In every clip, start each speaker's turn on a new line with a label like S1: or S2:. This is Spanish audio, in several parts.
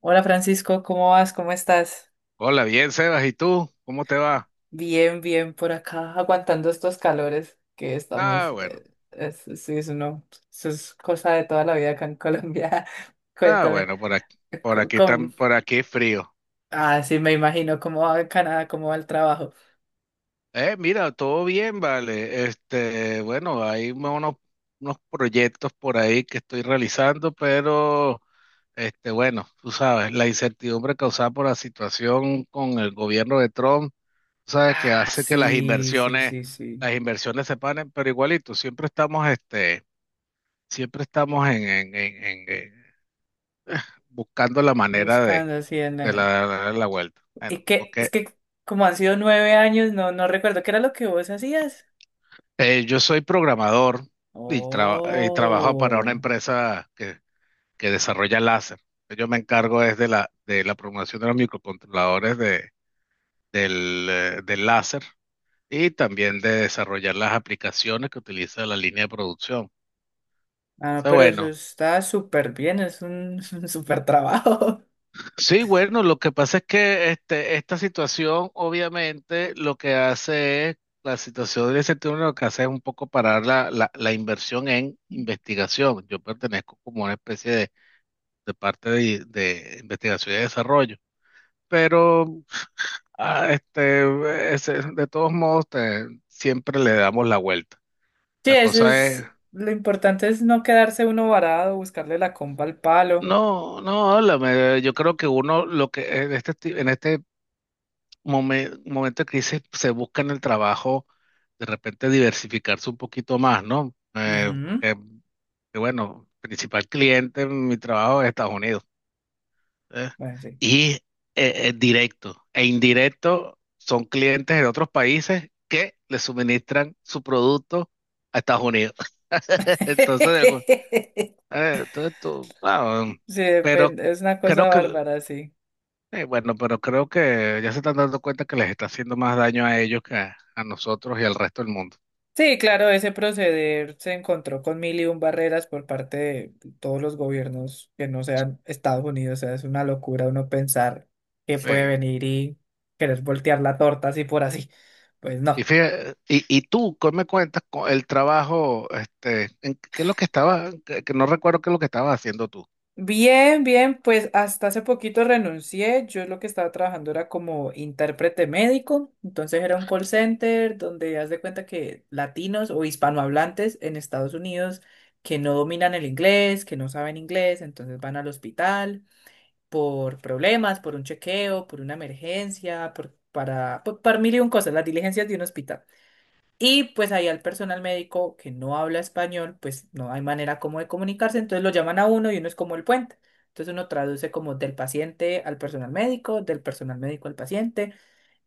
S1: Hola Francisco, ¿cómo vas? ¿Cómo estás?
S2: Hola, bien, Sebas, ¿y tú? ¿Cómo te va?
S1: Bien, bien por acá, aguantando estos calores que
S2: Ah,
S1: estamos.
S2: bueno,
S1: Es, sí, es uno, Eso es cosa de toda la vida acá en Colombia.
S2: ah,
S1: Cuéntame,
S2: bueno, por aquí,
S1: ¿cómo?
S2: por aquí frío.
S1: Ah, sí, me imagino cómo va en Canadá, cómo va el trabajo.
S2: Mira, todo bien, vale. Este, bueno, hay unos proyectos por ahí que estoy realizando, pero, este, bueno, tú sabes, la incertidumbre causada por la situación con el gobierno de Trump, tú sabes, que
S1: Ah,
S2: hace que
S1: sí, sí, sí, sí.
S2: las inversiones se paren, pero igualito, siempre estamos, este, siempre estamos en buscando la manera de
S1: Buscando así en.
S2: la vuelta. Bueno,
S1: Y
S2: porque
S1: es que como han sido 9 años, no, no recuerdo qué era lo que vos hacías.
S2: yo soy programador y trabajo para una
S1: Oh.
S2: empresa que desarrolla láser. Yo me encargo es de de la programación de los microcontroladores del láser y también de desarrollar las aplicaciones que utiliza la línea de producción. O
S1: Ah,
S2: sea,
S1: pero eso
S2: bueno,
S1: está súper bien, es un, un súper trabajo.
S2: sí, bueno, lo que pasa es que este, esta situación, obviamente, lo que hace es, la situación del ese turno lo que hace es un poco parar la inversión en investigación. Yo pertenezco como una especie de parte de investigación y desarrollo. Pero este, de todos modos, siempre le damos la vuelta.
S1: Sí,
S2: La
S1: eso
S2: cosa es,
S1: es, lo importante es no quedarse uno varado, buscarle la comba al palo.
S2: no, no, háblame. Yo creo que uno, lo que en en este momento de crisis se busca en el trabajo de repente diversificarse un poquito más, ¿no?
S1: Ujú.
S2: Porque, que bueno, principal cliente en mi trabajo es Estados Unidos. ¿Eh?
S1: Bueno, sí.
S2: Y directo e indirecto son clientes de otros países que le suministran su producto a Estados Unidos. Entonces, entonces
S1: Sí,
S2: pero
S1: depende, es una cosa
S2: creo que
S1: bárbara, sí.
S2: bueno, pero creo que ya se están dando cuenta que les está haciendo más daño a ellos que a nosotros y al resto del mundo.
S1: Sí, claro, ese proceder se encontró con mil y un barreras por parte de todos los gobiernos que no sean Estados Unidos. O sea, es una locura uno pensar que puede
S2: Sí.
S1: venir y querer voltear la torta así por así. Pues
S2: Y,
S1: no.
S2: fíjate, y tú, ¿qué me cuentas con el trabajo? Este, en, ¿qué es lo que estaba? Que no recuerdo qué es lo que estabas haciendo tú.
S1: Bien, bien, pues hasta hace poquito renuncié. Yo lo que estaba trabajando era como intérprete médico, entonces era un call center donde haz de cuenta que latinos o hispanohablantes en Estados Unidos que no dominan el inglés, que no saben inglés, entonces van al hospital por problemas, por un chequeo, por una emergencia, para mil y un cosas, las diligencias de un hospital. Y pues ahí al personal médico que no habla español, pues no hay manera como de comunicarse, entonces lo llaman a uno y uno es como el puente. Entonces uno traduce como del paciente al personal médico, del personal médico al paciente.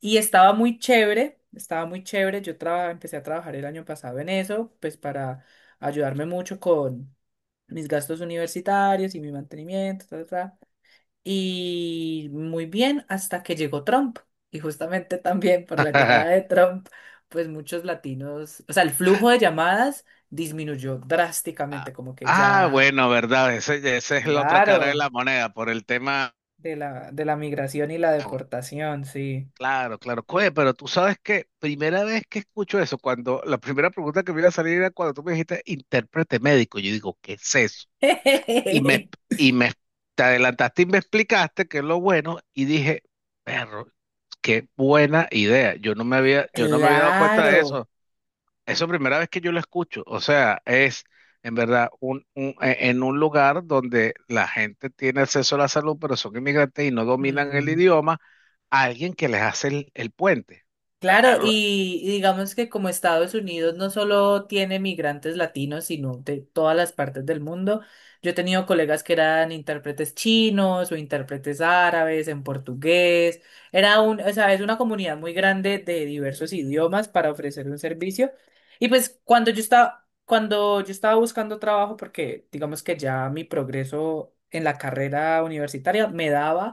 S1: Y estaba muy chévere, estaba muy chévere. Empecé a trabajar el año pasado en eso, pues para ayudarme mucho con mis gastos universitarios y mi mantenimiento, ta, ta, ta y muy bien hasta que llegó Trump. Y justamente también por la llegada de Trump, pues muchos latinos, o sea, el flujo de llamadas disminuyó
S2: Ah,
S1: drásticamente, como que
S2: ah,
S1: ya,
S2: bueno, verdad, ese, esa es la otra cara de
S1: claro,
S2: la moneda por el tema.
S1: de la migración y la deportación, sí.
S2: Claro, claro. Cue, pero tú sabes que primera vez que escucho eso, cuando la primera pregunta que me iba a salir era cuando tú me dijiste intérprete médico, yo digo, ¿qué es eso? Y me, y me te adelantaste y me explicaste qué es lo bueno y dije, perro, qué buena idea. Yo no me había dado cuenta de
S1: Claro.
S2: eso. Eso es primera vez que yo lo escucho. O sea, es en verdad en un lugar donde la gente tiene acceso a la salud, pero son inmigrantes y no dominan el
S1: Hmm.
S2: idioma, alguien que les hace el puente.
S1: Claro,
S2: Perro,
S1: y digamos que como Estados Unidos no solo tiene migrantes latinos, sino de todas las partes del mundo. Yo he tenido colegas que eran intérpretes chinos o intérpretes árabes en portugués. Era un, o sea, Es una comunidad muy grande de diversos idiomas para ofrecer un servicio. Y pues cuando yo estaba buscando trabajo, porque digamos que ya mi progreso en la carrera universitaria me daba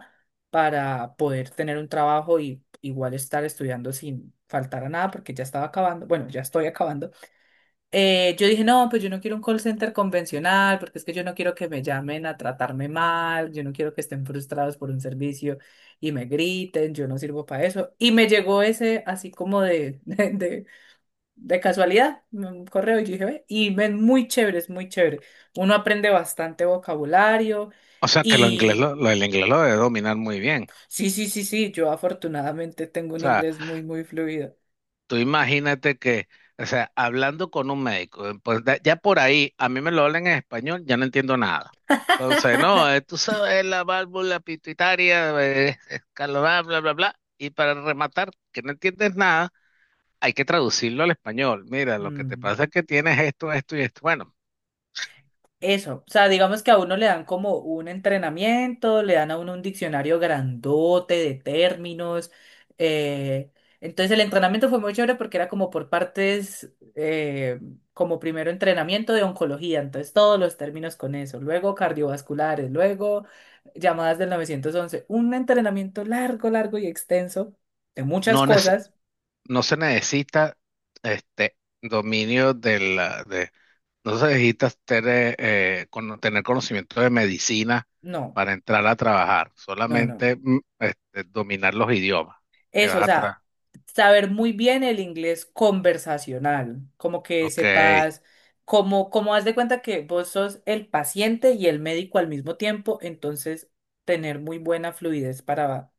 S1: para poder tener un trabajo y igual estar estudiando sin faltar a nada porque ya estaba acabando, bueno, ya estoy acabando. Yo dije, no, pues yo no quiero un call center convencional porque es que yo no quiero que me llamen a tratarme mal, yo no quiero que estén frustrados por un servicio y me griten, yo no sirvo para eso. Y me llegó ese así de casualidad, un correo y yo dije, ve, y ven, muy chévere, es muy chévere. Uno aprende bastante vocabulario.
S2: o sea, que lo inglés
S1: Y
S2: lo- el inglés lo debe dominar muy bien.
S1: Sí, sí, sí, sí, yo afortunadamente tengo
S2: O
S1: un
S2: sea,
S1: inglés muy, muy fluido.
S2: tú imagínate que, o sea, hablando con un médico, ya por ahí, a mí me lo hablan en español, ya no entiendo nada. Entonces, no, tú sabes, la válvula pituitaria, escalonada, bla, bla, bla. Y para rematar, que no entiendes nada, hay que traducirlo al español. Mira, lo que te
S1: Mm.
S2: pasa es que tienes esto, esto y esto. Bueno,
S1: Eso, o sea, digamos que a uno le dan como un entrenamiento, le dan a uno un diccionario grandote de términos. eh, Entonces el entrenamiento fue muy chévere porque era como por partes, como primero entrenamiento de oncología, entonces todos los términos con eso, luego cardiovasculares, luego llamadas del 911, un entrenamiento largo, largo y extenso de muchas
S2: no, nece-
S1: cosas.
S2: no se necesita este dominio del. Entonces necesitas tener, tener conocimiento de medicina
S1: No.
S2: para entrar a trabajar,
S1: No, no.
S2: solamente este, dominar los idiomas que
S1: Eso,
S2: vas
S1: o
S2: atrás.
S1: sea, saber muy bien el inglés conversacional, como que
S2: Ok,
S1: sepas, como haz de cuenta que vos sos el paciente y el médico al mismo tiempo, entonces tener muy buena fluidez para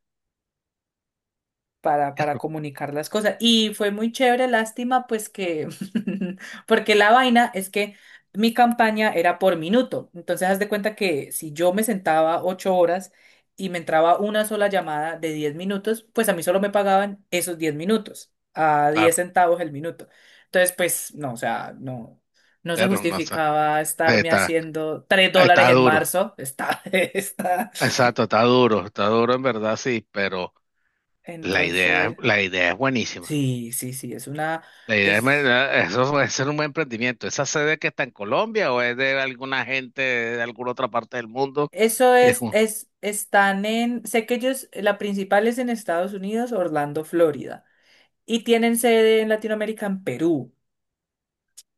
S1: para
S2: perro,
S1: comunicar las cosas. Y fue muy chévere, lástima, pues que, porque la vaina es que mi campaña era por minuto. Entonces, haz de cuenta que si yo me sentaba 8 horas y me entraba una sola llamada de 10 minutos, pues a mí solo me pagaban esos 10 minutos, a diez
S2: claro,
S1: centavos el minuto. Entonces, pues, no, o sea, no. No se
S2: perro, no sé.
S1: justificaba estarme
S2: Está,
S1: haciendo 3 dólares
S2: está
S1: en
S2: duro,
S1: marzo. Está, está.
S2: exacto, está duro en verdad, sí, pero
S1: Entonces,
S2: la idea es buenísima.
S1: sí, sí, sí, es una,
S2: La idea es,
S1: es
S2: me- Eso puede ser un buen emprendimiento. ¿Esa sede que está en Colombia o es de alguna gente de alguna otra parte del mundo?
S1: Eso
S2: Que es
S1: es,
S2: un-
S1: están en, sé que ellos, la principal es en Estados Unidos, Orlando, Florida, y tienen sede en Latinoamérica, en Perú.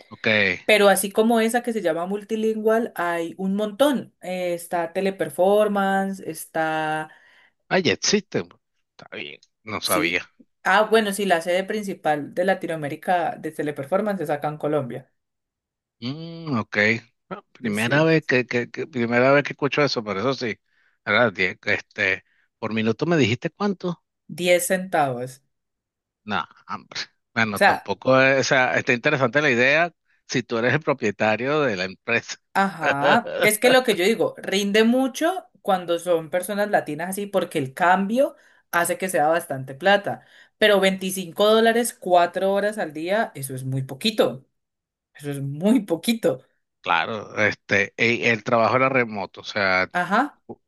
S2: ok.
S1: Pero así como esa que se llama Multilingual, hay un montón. Está Teleperformance, está,
S2: Ah, ya existen. Está bien, no sabía.
S1: sí. Ah, bueno, sí, la sede principal de Latinoamérica de Teleperformance es acá en Colombia.
S2: Mm, ok. Bueno,
S1: Sí,
S2: primera
S1: sí.
S2: vez primera vez que escucho eso, pero eso sí. Este, por minuto me dijiste cuánto.
S1: 10 centavos.
S2: No, hombre.
S1: O
S2: Bueno,
S1: sea,
S2: tampoco, o sea, está interesante la idea si tú eres el propietario de la empresa.
S1: ajá, es que lo que yo digo, rinde mucho cuando son personas latinas así porque el cambio hace que sea bastante plata, pero 25 dólares 4 horas al día, eso es muy poquito, eso es muy poquito.
S2: Claro, este, el trabajo era remoto, o sea,
S1: Ajá,
S2: tú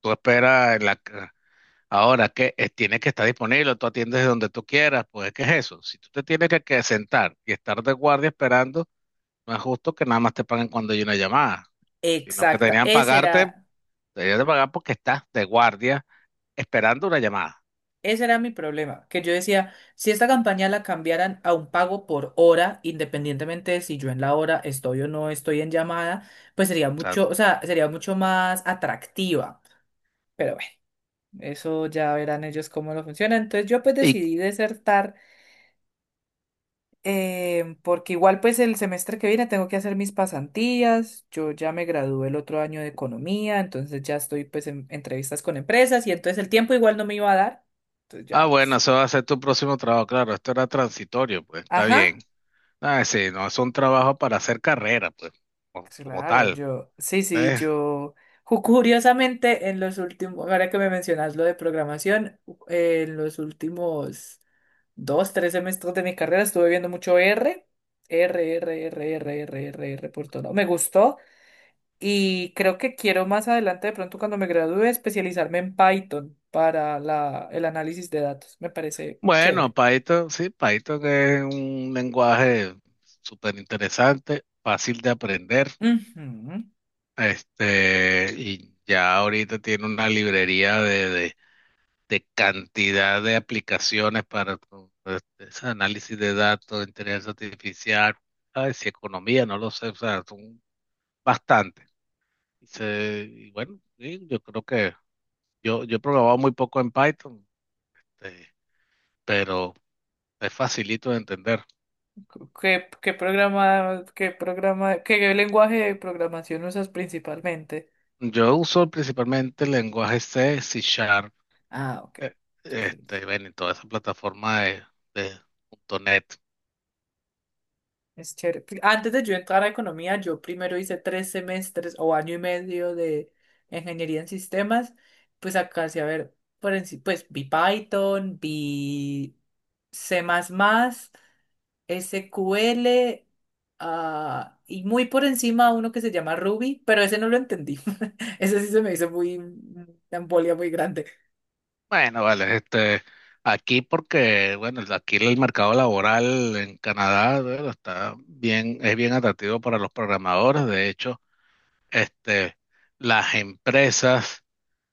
S2: tú esperas en la, ahora que tiene que estar disponible, tú atiendes de donde tú quieras, pues ¿qué es eso? Si tú te tienes que sentar y estar de guardia esperando, no es justo que nada más te paguen cuando hay una llamada, sino que
S1: exacta,
S2: deberían pagarte, deberían de pagar porque estás de guardia esperando una llamada.
S1: ese era mi problema, que yo decía, si esta campaña la cambiaran a un pago por hora, independientemente de si yo en la hora estoy o no estoy en llamada, pues sería
S2: O sea,
S1: mucho, o sea, sería mucho más atractiva, pero bueno. Eso ya verán ellos cómo lo funciona. Entonces yo pues
S2: y,
S1: decidí desertar, porque igual pues el semestre que viene tengo que hacer mis pasantías. Yo ya me gradué el otro año de economía, entonces ya estoy pues en entrevistas con empresas y entonces el tiempo igual no me iba a dar. Entonces
S2: ah,
S1: ya
S2: bueno,
S1: pues.
S2: eso va a ser tu próximo trabajo, claro, esto era transitorio, pues está bien.
S1: Ajá.
S2: Ah, sí, no es un trabajo para hacer carrera, pues, como, como
S1: Claro,
S2: tal.
S1: yo, sí, sí, curiosamente en los últimos, ahora que me mencionas lo de programación, en los últimos dos, tres semestres de mi carrera estuve viendo mucho R, R, R, R, R, R, R, R por todo lado. Me gustó y creo que quiero más adelante, de pronto cuando me gradúe, especializarme en Python para el análisis de datos. Me parece
S2: Bueno,
S1: chévere.
S2: Python, sí, Python es un lenguaje súper interesante, fácil de aprender,
S1: Ujú.
S2: este, y ya ahorita tiene una librería de cantidad de aplicaciones para este, ese análisis de datos, inteligencia artificial, ay, si economía, no lo sé, o sea, son bastantes. Y bueno, sí, yo creo que yo he programado muy poco en Python, eh, pero es facilito de entender.
S1: ¿Qué lenguaje de programación usas principalmente?
S2: Yo uso principalmente el lenguaje C, C Sharp,
S1: Ah, ok.
S2: eh,
S1: Sí, sí,
S2: este, ven, y toda esa plataforma de punto .NET.
S1: es chévere. Antes de yo entrar a economía, yo primero hice 3 semestres o año y medio de ingeniería en sistemas. Pues acá sí, a ver, pues vi Python, vi C++, SQL, ah, y muy por encima uno que se llama Ruby, pero ese no lo entendí. Ese sí se me hizo muy, una embolia muy grande.
S2: Bueno, vale, este, aquí porque, bueno, aquí el mercado laboral en Canadá, bueno, está bien, es bien atractivo para los programadores. De hecho, este, las empresas,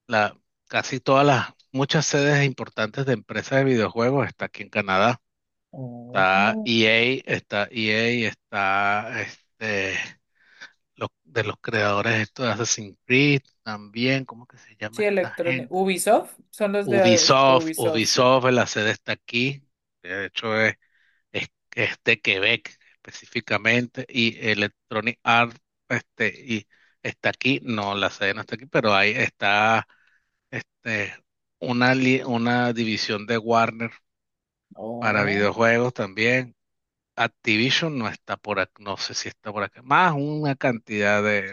S2: la, casi todas las, muchas sedes importantes de empresas de videojuegos está aquí en Canadá. Está
S1: Oh.
S2: EA, está EA, está este. Los, de los creadores estos de Assassin's Creed, también, ¿cómo que se llama
S1: Sí,
S2: esta
S1: electrónico.
S2: gente?
S1: Ubisoft, son los de
S2: Ubisoft,
S1: Ubisoft, sí.
S2: Ubisoft, la sede está aquí, de hecho es, es de Quebec específicamente, y Electronic Arts este, y está aquí, no, la sede no está aquí, pero ahí está este, una división de Warner para
S1: Oh.
S2: videojuegos también. Activision no está por aquí, no sé si está por acá, más una cantidad de,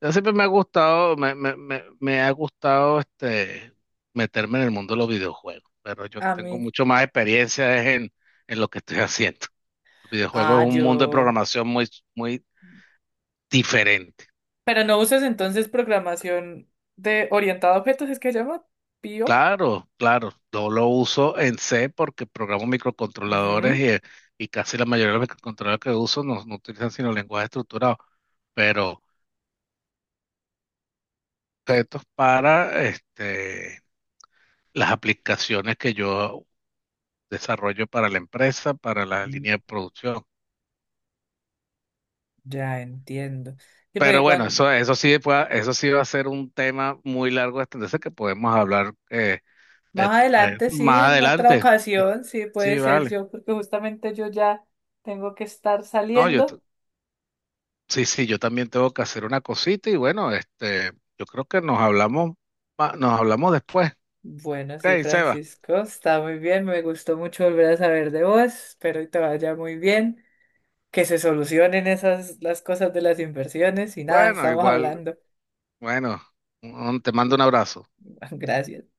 S2: yo siempre me ha gustado, me ha gustado este, meterme en el mundo de los videojuegos, pero yo
S1: A
S2: tengo
S1: mí.
S2: mucho más experiencia es en lo que estoy haciendo. Los videojuegos es
S1: Ah,
S2: un mundo de
S1: yo.
S2: programación muy, muy diferente.
S1: Pero no usas entonces programación de orientada a objetos, es que se llama PIO.
S2: Claro, claro, yo lo uso en C porque programo microcontroladores
S1: Ujú.
S2: y casi la mayoría de los microcontroladores que uso no, no utilizan sino lenguaje estructurado, pero esto es para este, las aplicaciones que yo desarrollo para la empresa, para la
S1: Mm.
S2: línea de producción.
S1: Ya entiendo. Sí,
S2: Pero
S1: porque
S2: bueno,
S1: cuando,
S2: eso sí, eso sí va a ser un tema muy largo de extenderse que podemos hablar eh,
S1: Más adelante, sí,
S2: más
S1: en otra
S2: adelante.
S1: ocasión, sí puede
S2: Sí,
S1: ser
S2: vale.
S1: yo, porque justamente yo ya tengo que estar
S2: No,
S1: saliendo.
S2: sí, sí, yo también tengo que hacer una cosita y bueno, este, yo creo que nos hablamos después.
S1: Bueno, sí,
S2: Ok, Seba.
S1: Francisco, está muy bien, me gustó mucho volver a saber de vos, espero que te vaya muy bien, que se solucionen esas las cosas de las inversiones y nada,
S2: Bueno,
S1: estamos
S2: igual,
S1: hablando.
S2: bueno, te mando un abrazo.
S1: Gracias.